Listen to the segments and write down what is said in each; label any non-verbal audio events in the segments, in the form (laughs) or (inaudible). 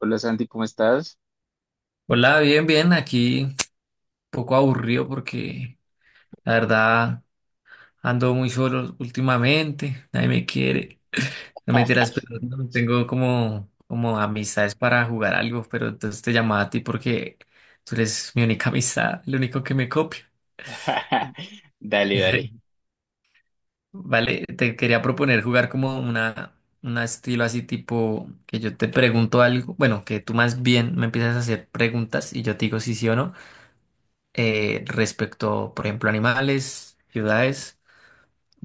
Hola Santi, ¿cómo estás? Hola, bien, bien, aquí un poco aburrido porque la verdad ando muy solo últimamente, nadie me quiere, (laughs) no me tiras, pero no tengo como, como amistades para jugar algo, pero entonces te llamaba a ti porque tú eres mi única (laughs) amistad, el único que me copia. (laughs) Dale, dale. (laughs) Vale, te quería proponer jugar como una, un estilo así tipo que yo te pregunto algo, bueno, que tú más bien me empiezas a hacer preguntas y yo te digo si sí o no. Respecto, por ejemplo, animales, ciudades,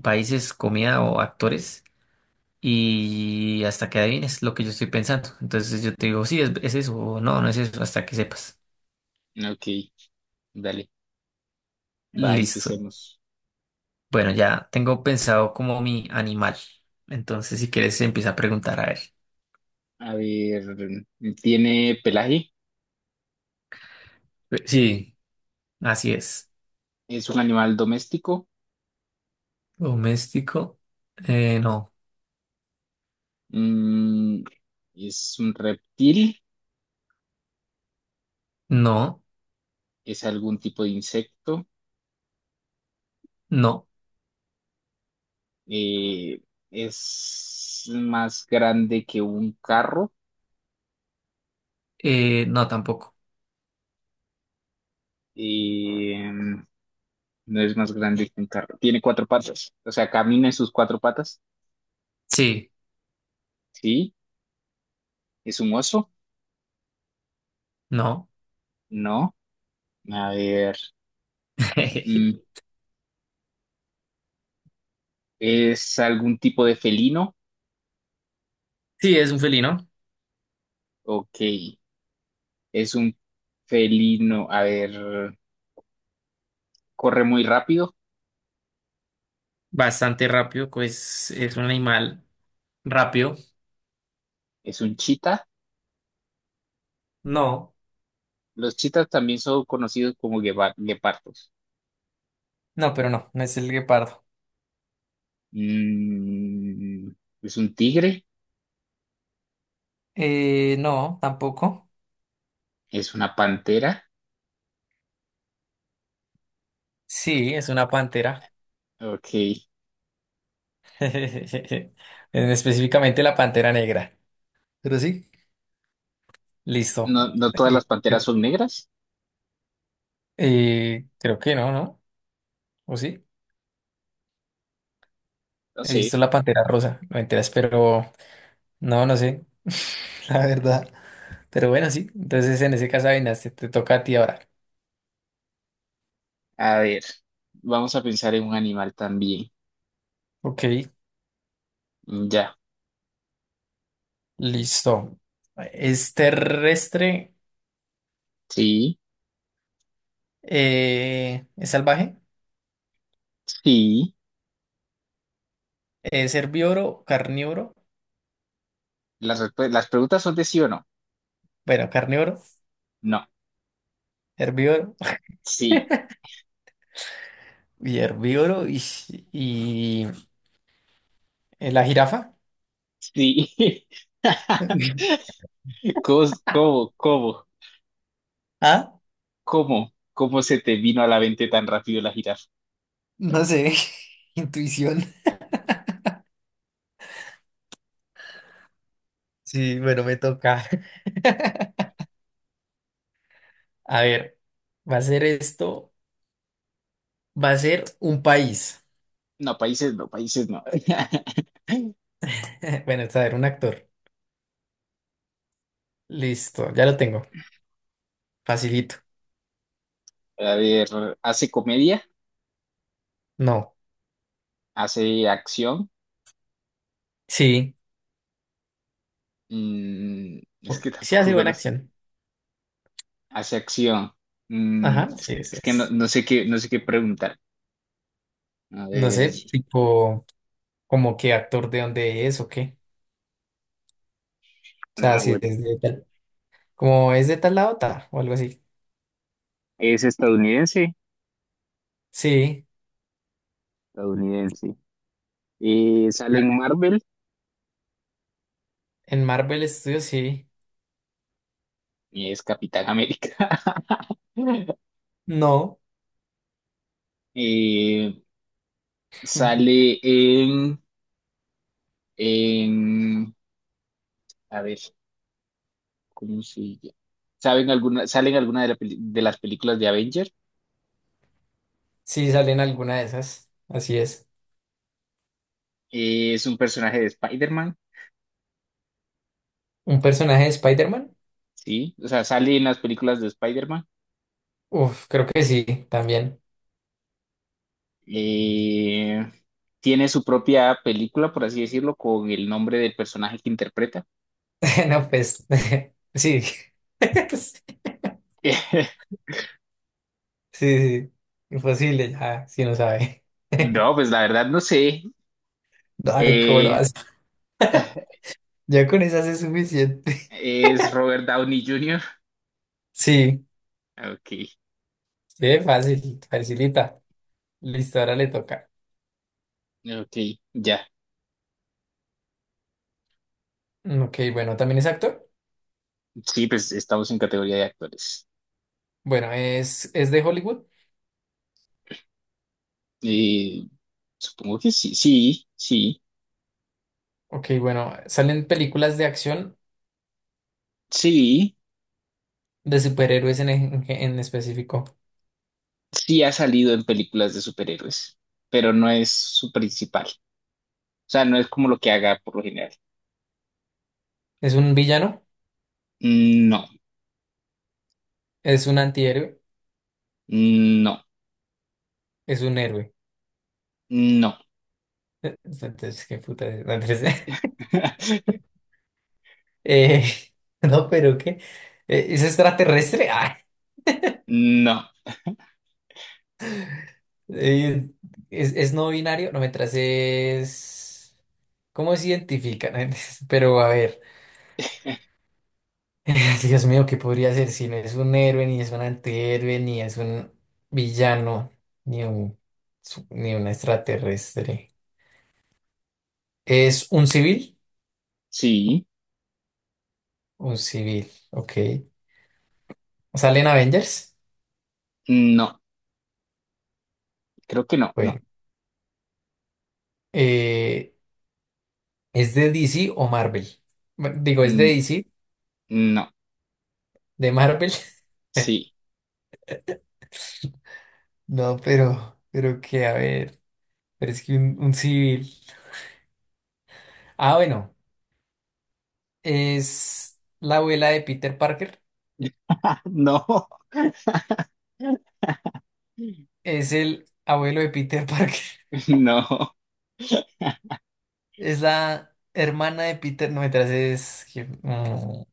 países, comida o actores. Y hasta que adivines lo que yo estoy pensando. Entonces yo te digo, sí, es eso, o no, no es eso, hasta que sepas. Ok, dale. Va, Listo. empecemos. Bueno, ya tengo pensado como mi animal. Entonces, si quieres, empieza a preguntar a él. A ver, tiene pelaje, Sí, así es. es un animal doméstico. Doméstico. No, Mm, ¿es un reptil, no, es algún tipo de insecto, no, Eh, es más grande que un carro? No tampoco. Eh, no es más grande que un carro. Tiene cuatro patas, o sea, camina en sus cuatro patas, Sí, ¿sí? ¿Es un oso? no. No. A ver. (laughs) Mm, ¿es algún tipo de felino? Sí, es un felino. Ok. ¿Es un felino? A ver, corre muy rápido. Bastante rápido, pues es un animal rápido. ¿Es un chita? No, Los chitas también son conocidos como guepardos. no, pero no, no es el guepardo. Mm, ¿es un tigre? No, tampoco. ¿Es una pantera? Sí, es una pantera. Ok. (laughs) En- Específicamente la pantera negra. Pero sí. Listo. ¿No, no todas las Eh, panteras son negras? Creo que no, ¿no? ¿O sí? No He sé. visto la pantera rosa, no me enteras, pero no, no sé. (laughs) La verdad. Pero bueno, sí. Entonces en ese caso, Avinas, te toca a ti ahora. A ver, vamos a pensar en un animal también. Ok. Mm, ya. Listo. ¿Es terrestre? Sí, ¿Es salvaje? sí. ¿Es herbívoro? ¿Carnívoro? Las preguntas son de sí o no. Bueno, carnívoro, No. herbívoro Sí. (laughs) y herbívoro y la jirafa. Sí. (laughs) (laughs) ¿Cómo, cómo, cómo, Ah, cómo se te vino a la mente tan rápido la jirafa? no sé. (laughs) Intuición. Sí, bueno, me toca. (laughs) A ver, va a ser esto, va a ser un país. No, países no, países no. (laughs) (laughs) Bueno, está a ver, un actor. Listo, ya lo tengo. Facilito. A ver, hace comedia, No. hace acción. Sí. Mm, es que Sí tampoco hace buena conozco. acción. Hace acción. Mm, Ajá, sí, es, eso es que es. no sé qué, no sé qué preguntar. A No ver, sé, tipo, como qué actor de dónde es o qué. O sea, ah, si es bueno. de tal. Como es de tal lado, ta, o algo así. Es estadounidense, Sí, estadounidense. Sale en Marvel en Marvel Studios sí. y es Capitán América. (laughs) No. Eh, sale (laughs) en, a ver, ¿cómo se llama? ¿Saben alguna, sale en alguna de, de las películas de Avenger? Sí, salen alguna de esas. Así es. Es un personaje de Spider-Man, ¿Un personaje de Spider-Man? ¿sí? O sea, sale en las películas de Spider-Man. Uf, creo que sí, también. Eh, tiene su propia película, por así decirlo, con el nombre del personaje que interpreta. (laughs) No, pues. (laughs) Sí. (laughs) (laughs) Sí, sí. Imposible, ya, si no sabe. (laughs) No, pues la verdad no sé. Ay, ¿cómo lo Eh, hace? Ya con esas es (laughs) suficiente. es Robert Downey Jr. (laughs) Sí. Ok, Sí, fácil, facilita. Listo, ahora le toca. ok, ya. Mm, ok, bueno, ¿también es actor? Sí, pues estamos en categoría de actores. Bueno, es de Hollywood. Eh, supongo que sí, sí, sí, Ok, bueno, salen películas de acción sí, de superhéroes en específico. sí ha salido en películas de superhéroes, pero no es su principal. O sea, no es como lo que haga por lo general. ¿Es un villano? No, ¿Es un antihéroe? no, ¿Es un héroe? no, Entonces, qué puta. ¿Es? No, entonces, (laughs) (laughs) eh, (laughs) no, pero ¿qué? ¿Es extraterrestre? (laughs) Ah, no, eh, ¿es no binario? No, mientras es... ¿Cómo se identifican? (laughs) Pero a ver. (laughs) (sighs) Dios mío, ¿qué podría ser si no es un héroe, ni es un antihéroe, ni es un villano, ni un, su- ni un extraterrestre? ¿Es un civil? sí, Un civil, ok. ¿Sale en Avengers? no, creo que no, no, Bueno, eh, ¿es de DC o Marvel? Bueno, digo, ¿es de mm, DC? no, ¿De Marvel? (laughs) sí, No, pero que, a ver, pero es que un civil. Ah, bueno, es la abuela de Peter Parker. (laughs) no, (laughs) Es el abuelo de Peter (laughs) Parker. no, Es la hermana de Peter, no me es... que, mm,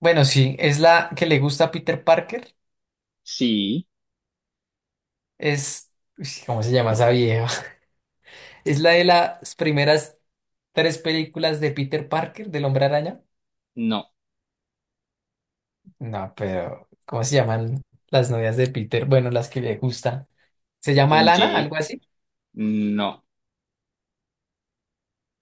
bueno, sí, es la que le gusta a Peter Parker. sí, Es... uy, sí, ¿cómo se llama esa vieja? (laughs) Es la de las primeras tres películas de Peter Parker, del Hombre Araña. no, No, pero ¿cómo se llaman las novias de Peter? Bueno, las que le gustan. ¿Se llama Lana? MJ, Algo así. no,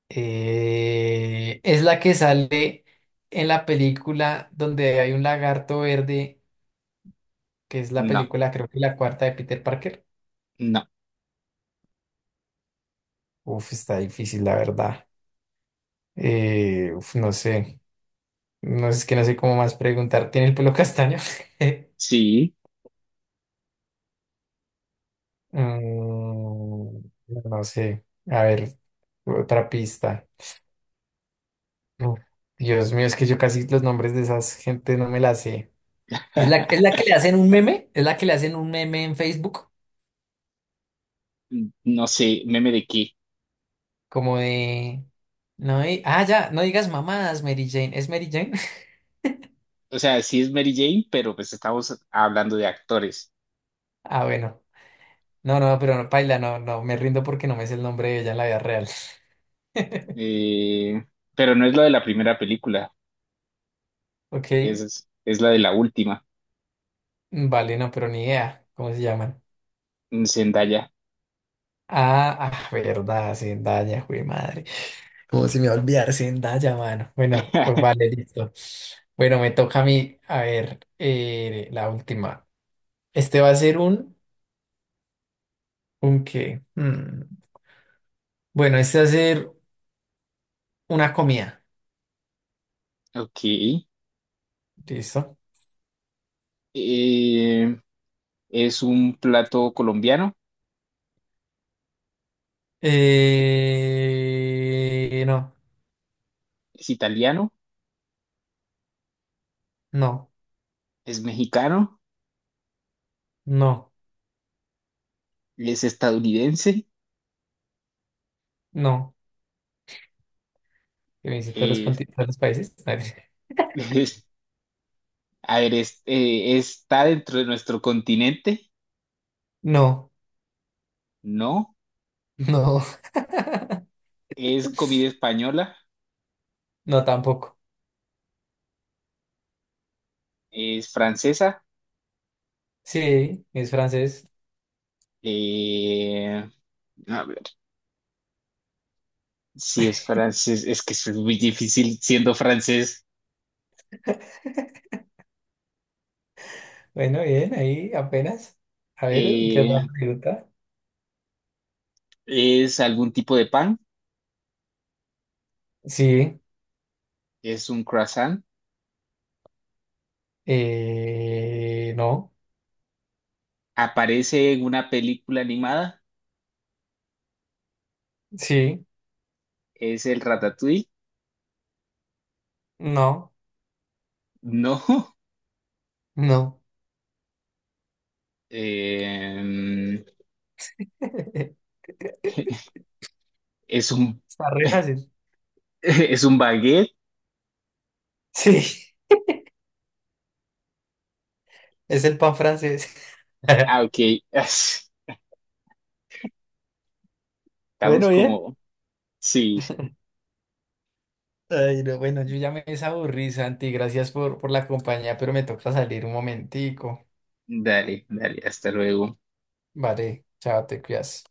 Es la que sale en la película donde hay un lagarto verde, que es la no, película, creo que la cuarta de Peter Parker. no, Uf, está difícil, la verdad. Uf, no sé. No es que no sé cómo más preguntar. ¿Tiene el pelo castaño? (laughs) sí. Mm, no sé. A ver, otra pista. Uf, Dios mío, es que yo casi los nombres de esas gente no me las sé. ¿Es la, es (laughs) la que le hacen un meme? ¿Es la que le hacen un meme en Facebook? No sé, meme de qué. Como de. No, di- ah, ya, no digas mamadas, Mary Jane. ¿Es Mary Jane? (laughs) O sea, sí es Mary Jane, pero pues estamos hablando de actores. Ah, bueno. No, no, pero no, paila, no, no, me rindo porque no me sé el nombre de ella en la vida real. Eh, pero no es la de la primera película, Ok, es la de la última, mm, vale, no, pero ni idea. ¿Cómo se llaman? Zendaya. Ah, ah, verdad, Zendaya, güey, madre. ¿Cómo se me va a olvidar Zendaya, mano? Bueno, pues (laughs) vale, listo. Bueno, me toca a mí, a ver, la última. Este va a ser un qué. Mm, bueno, este va a ser una comida. Ok. Listo. Eh, ¿es un plato colombiano, No, es italiano, no, es mexicano, no, es estadounidense, no. Que me dice todos los, eh, conti- todos los países. (laughs) (laughs) es- a ver, está dentro de nuestro continente, No, ¿no? no, Es comida española, (laughs) no tampoco. es francesa. Sí, es francés. Eh, a ver, si es francés, es que es muy difícil siendo francés. Bueno, bien, ahí apenas. A ver, ¿qué otra Eh, pregunta? ¿Es algún tipo de pan? Sí, ¿Es un croissant? No, ¿Aparece en una película animada? sí, ¿Es el ratatouille? no, No. (laughs) no. Eh, (laughs) ¿es un, Está re fácil. (laughs) ¿es un baguette? Sí, es el pan francés. Ah, (laughs) ok. (laughs) Estamos Bueno, bien. como... Sí, Ay, no, bueno, yo ya me desaburrí, Santi. Gracias por la compañía, pero me toca salir un momentico. dale, dale, hasta luego. Vale, chao, te cuidas.